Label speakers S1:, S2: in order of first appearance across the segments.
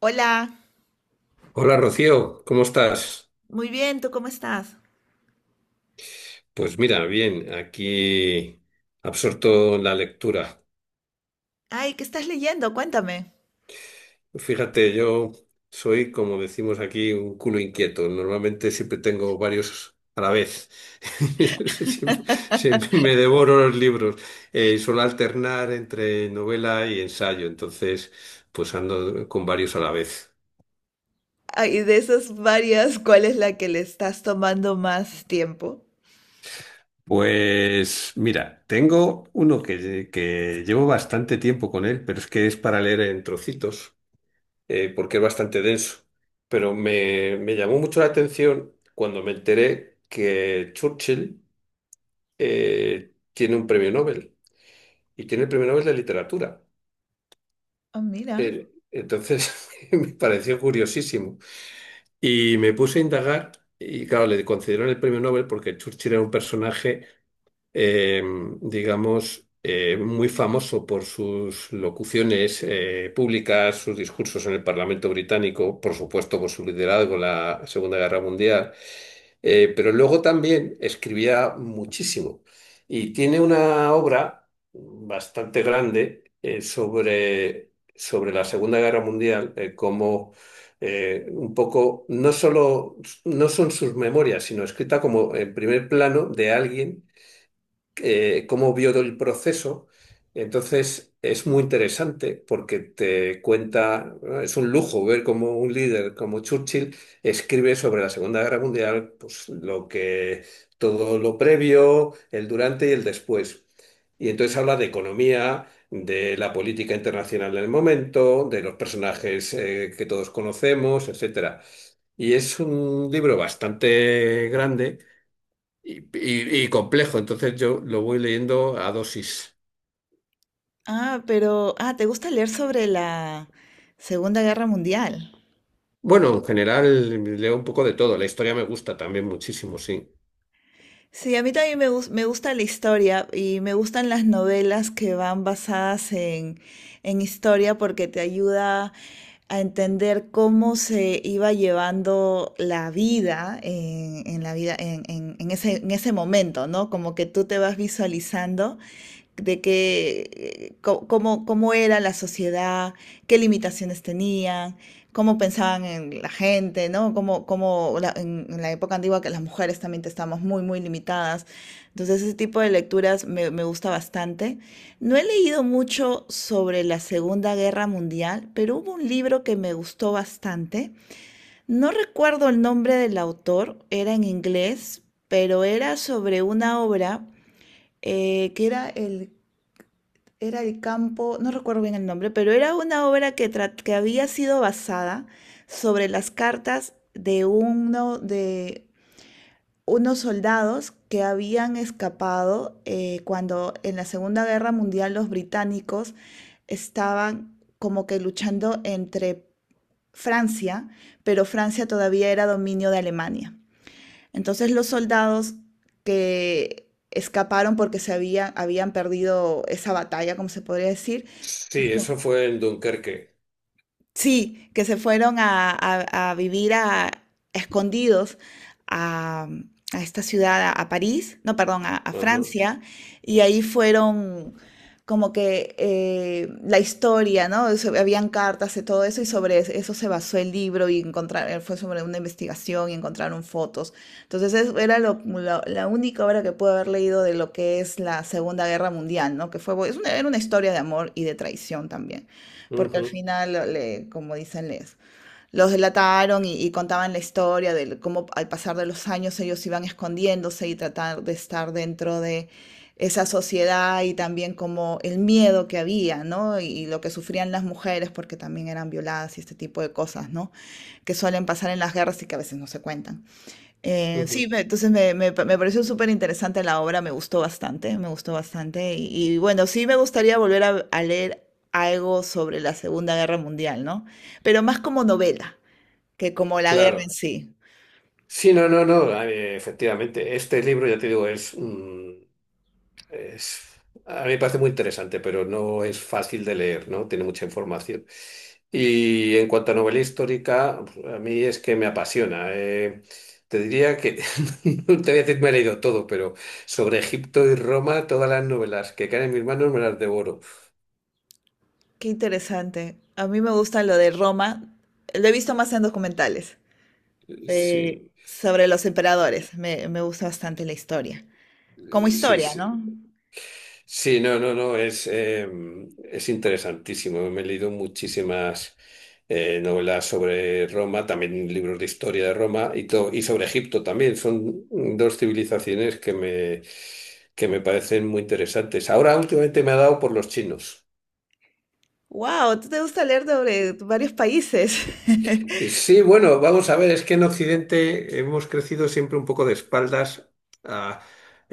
S1: Hola,
S2: Hola Rocío, ¿cómo estás?
S1: muy bien, ¿tú cómo estás?
S2: Pues mira, bien, aquí absorto en la lectura.
S1: Ay, ¿qué estás leyendo? Cuéntame.
S2: Fíjate, yo soy, como decimos aquí, un culo inquieto. Normalmente siempre tengo varios a la vez. Siempre, siempre me devoro los libros. Suelo alternar entre novela y ensayo, entonces pues ando con varios a la vez.
S1: Ay, de esas varias, ¿cuál es la que le estás tomando más tiempo?
S2: Pues mira, tengo uno que llevo bastante tiempo con él, pero es que es para leer en trocitos. Porque es bastante denso. Pero me llamó mucho la atención cuando me enteré que Churchill tiene un premio Nobel y tiene el premio Nobel de literatura.
S1: Ah, mira.
S2: Entonces me pareció curiosísimo y me puse a indagar y claro, le concedieron el premio Nobel porque Churchill era un personaje eh, digamos, muy famoso por sus locuciones públicas, sus discursos en el Parlamento británico, por supuesto por su liderazgo en la Segunda Guerra Mundial, pero luego también escribía muchísimo. Y tiene una obra bastante grande sobre, sobre la Segunda Guerra Mundial, como... un poco, no solo, no son sus memorias, sino escrita como en primer plano de alguien cómo vio el proceso. Entonces es muy interesante porque te cuenta, ¿no? Es un lujo ver cómo un líder como Churchill escribe sobre la Segunda Guerra Mundial, pues lo que, todo lo previo, el durante y el después. Y entonces habla de economía, de la política internacional del momento, de los personajes que todos conocemos, etcétera. Y es un libro bastante grande y, y complejo, entonces yo lo voy leyendo a dosis.
S1: Ah, pero, ¿te gusta leer sobre la Segunda Guerra Mundial?
S2: Bueno, en general leo un poco de todo, la historia me gusta también muchísimo, sí.
S1: Sí, a mí también me gusta la historia y me gustan las novelas que van basadas en historia porque te ayuda a entender cómo se iba llevando la vida en la vida en ese momento, ¿no? Como que tú te vas visualizando de cómo, cómo era la sociedad, qué limitaciones tenían, cómo pensaban en la gente, ¿no? Cómo, en la época antigua que las mujeres también estábamos muy, muy limitadas. Entonces, ese tipo de lecturas me gusta bastante. No he leído mucho sobre la Segunda Guerra Mundial, pero hubo un libro que me gustó bastante. No recuerdo el nombre del autor, era en inglés, pero era sobre una obra que era el campo, no recuerdo bien el nombre, pero era una obra que había sido basada sobre las cartas de uno de unos soldados que habían escapado cuando en la Segunda Guerra Mundial los británicos estaban como que luchando entre Francia, pero Francia todavía era dominio de Alemania. Entonces los soldados que escaparon porque habían perdido esa batalla, como se podría decir.
S2: Sí, eso fue en Dunkerque.
S1: Sí, que se fueron a vivir a, escondidos a, a esta ciudad, a París, no, perdón, a
S2: Ajá,
S1: Francia, y ahí fueron como que la historia, ¿no? Habían cartas y todo eso, y eso se basó el libro y encontrar, fue sobre una investigación y encontraron fotos. Entonces la única obra que pude haber leído de lo que es la Segunda Guerra Mundial, ¿no? Es era una historia de amor y de traición también. Porque al
S2: ujú,
S1: final, como dicen, les, los delataron y contaban la historia de cómo al pasar de los años ellos iban escondiéndose y tratar de estar dentro de esa sociedad y también como el miedo que había, ¿no? Y lo que sufrían las mujeres porque también eran violadas y este tipo de cosas, ¿no? Que suelen pasar en las guerras y que a veces no se cuentan.
S2: ujú.
S1: Entonces me pareció súper interesante la obra, me gustó bastante, me gustó bastante. Y bueno, sí me gustaría volver a leer algo sobre la Segunda Guerra Mundial, ¿no? Pero más como novela que como la guerra en
S2: Claro.
S1: sí.
S2: Sí, no, no, no, efectivamente, este libro, ya te digo, es... Es- a mí me parece muy interesante, pero no es fácil de leer, ¿no? Tiene mucha información. Y en cuanto a novela histórica, a mí es que me apasiona. Te diría que, no te voy a decir me he leído todo, pero sobre Egipto y Roma, todas las novelas que caen en mis manos me las devoro.
S1: Qué interesante. A mí me gusta lo de Roma, lo he visto más en documentales,
S2: Sí,
S1: sobre los emperadores. Me gusta bastante la historia. Como
S2: sí,
S1: historia,
S2: sí.
S1: ¿no?
S2: Sí, no, no, no, es interesantísimo. Me he leído muchísimas novelas sobre Roma, también libros de historia de Roma y, y sobre Egipto también. Son dos civilizaciones que me parecen muy interesantes. Ahora últimamente me ha dado por los chinos.
S1: Wow, ¿tú te gusta leer sobre varios países?
S2: Sí, bueno, vamos a ver, es que en Occidente hemos crecido siempre un poco de espaldas. a-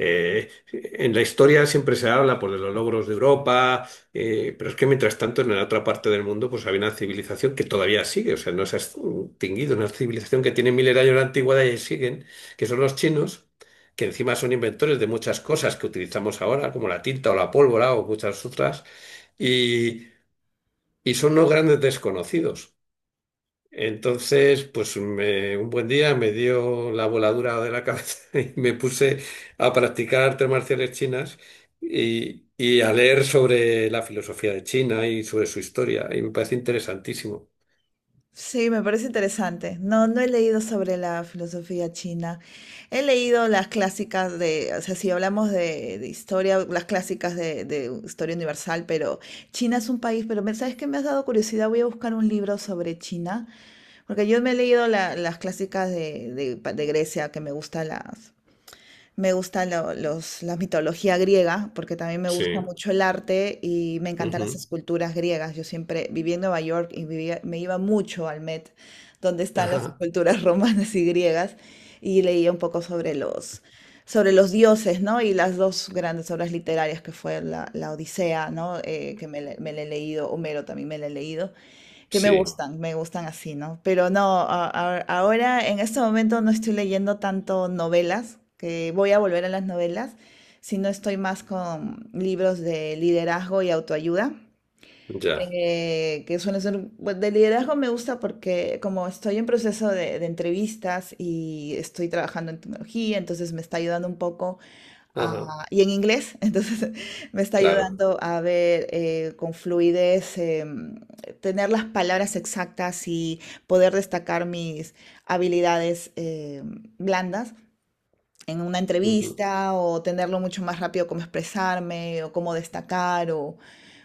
S2: en la historia siempre se habla pues, de los logros de Europa, pero es que mientras tanto en la otra parte del mundo pues había una civilización que todavía sigue, o sea, no se ha extinguido, una civilización que tiene miles de años de antigüedad y siguen, que son los chinos, que encima son inventores de muchas cosas que utilizamos ahora, como la tinta o la pólvora o muchas otras, y, y son los grandes desconocidos. Entonces, un buen día me dio la voladura de la cabeza y me puse a practicar artes marciales chinas y a leer sobre la filosofía de China y sobre su historia. Y me parece interesantísimo.
S1: Sí, me parece interesante. No, no he leído sobre la filosofía china. He leído las clásicas de, o sea, si hablamos de historia, las clásicas de historia universal, pero China es un país, pero ¿sabes qué? Me has dado curiosidad, voy a buscar un libro sobre China, porque yo me he leído las clásicas de Grecia, que me gustan me gusta la mitología griega, porque también me gusta
S2: Sí.
S1: mucho el arte y me encantan las
S2: Ujú.
S1: esculturas griegas. Yo siempre viví en Nueva York y me iba mucho al Met, donde están las
S2: Ajá.
S1: esculturas romanas y griegas, y leía un poco sobre sobre los dioses, ¿no? Y las dos grandes obras literarias que fue la Odisea, ¿no? Me la he leído, Homero también me la he leído, que
S2: Sí,
S1: me gustan así, ¿no? Pero no, ahora en este momento no estoy leyendo tanto novelas, que voy a volver a las novelas, sino estoy más con libros de liderazgo y autoayuda,
S2: ya.
S1: que suelen ser, bueno, de liderazgo me gusta porque como estoy en proceso de entrevistas y estoy trabajando en tecnología, entonces me está ayudando un poco.
S2: Ajá.
S1: Ah, y en inglés, entonces me está
S2: Claro.
S1: ayudando a ver con fluidez, em, tener las palabras exactas y poder destacar mis habilidades em, blandas en una
S2: Ujú,
S1: entrevista o tenerlo mucho más rápido cómo expresarme o cómo destacar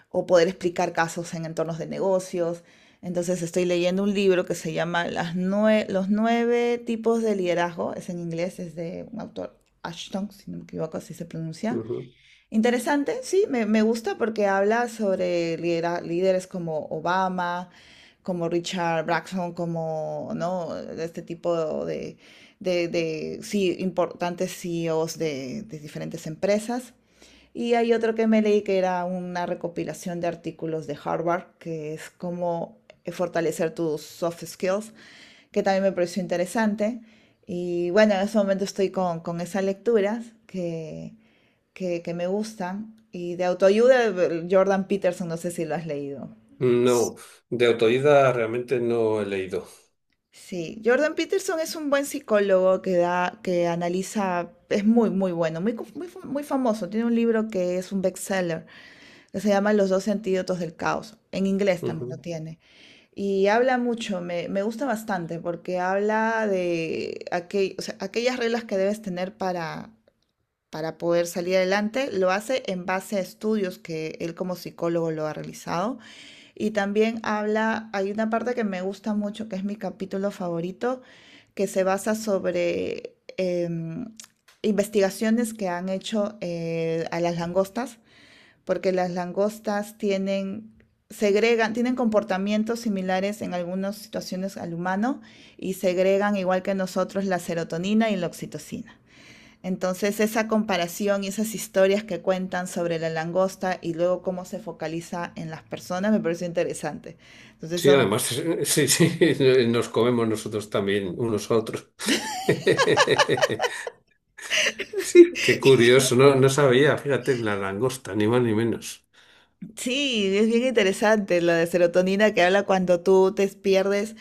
S1: o poder explicar casos en entornos de negocios. Entonces estoy leyendo un libro que se llama Los nueve tipos de liderazgo, es en inglés, es de un autor, Ashton, si no me equivoco, así se pronuncia.
S2: ujú.
S1: Interesante, sí, me gusta porque habla sobre líderes como Obama, como Richard Branson, como, ¿no? Este tipo sí, importantes CEOs de diferentes empresas. Y hay otro que me leí que era una recopilación de artículos de Harvard, que es cómo fortalecer tus soft skills, que también me pareció interesante. Y bueno, en este momento estoy con esas lecturas que me gustan. Y de autoayuda, Jordan Peterson, no sé si lo has leído.
S2: No, de autodidacta realmente no he leído.
S1: Sí, Jordan Peterson es un buen psicólogo que analiza, es muy, muy bueno, muy famoso. Tiene un libro que es un bestseller, que se llama Los dos antídotos del caos. En inglés también lo
S2: Ujú.
S1: tiene. Y habla mucho, me gusta bastante, porque habla de o sea, aquellas reglas que debes tener para poder salir adelante. Lo hace en base a estudios que él como psicólogo lo ha realizado. Y también habla, hay una parte que me gusta mucho, que es mi capítulo favorito, que se basa sobre em, investigaciones que han hecho a las langostas, porque las langostas tienen, segregan, tienen comportamientos similares en algunas situaciones al humano y segregan, igual que nosotros, la serotonina y la oxitocina. Entonces, esa comparación y esas historias que cuentan sobre la langosta y luego cómo se focaliza en las personas me pareció interesante. Entonces,
S2: Sí, además, sí, sí, nos comemos nosotros también, unos a otros. Sí, qué curioso, no, no sabía, fíjate, la langosta, ni más ni menos.
S1: sí, es bien interesante lo de serotonina que habla cuando tú te pierdes,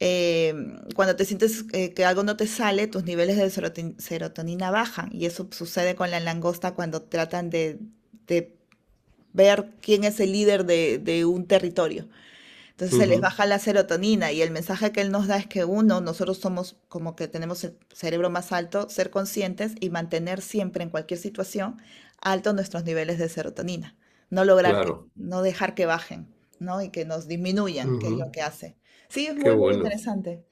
S1: eh, cuando te sientes que algo no te sale, tus niveles de serotonina bajan. Y eso sucede con la langosta cuando tratan de ver quién es el líder de un territorio. Entonces se
S2: Ujú,
S1: les baja la serotonina y el mensaje que él nos da es que uno, nosotros somos como que tenemos el cerebro más alto, ser conscientes y mantener siempre en cualquier situación altos nuestros niveles de serotonina. No lograr que,
S2: claro,
S1: no dejar que bajen, ¿no? Y que nos disminuyan, que es lo
S2: ujú,
S1: que hace. Sí, es
S2: qué
S1: muy, muy
S2: bueno.
S1: interesante.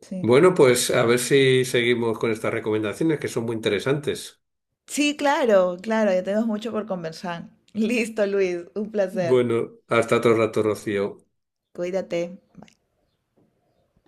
S1: Sí.
S2: Bueno, pues a ver si seguimos con estas recomendaciones que son muy interesantes.
S1: Sí, claro, claro, ya tenemos mucho por conversar. Listo, Luis, un placer.
S2: Bueno, hasta otro rato, Rocío.
S1: Cuídate.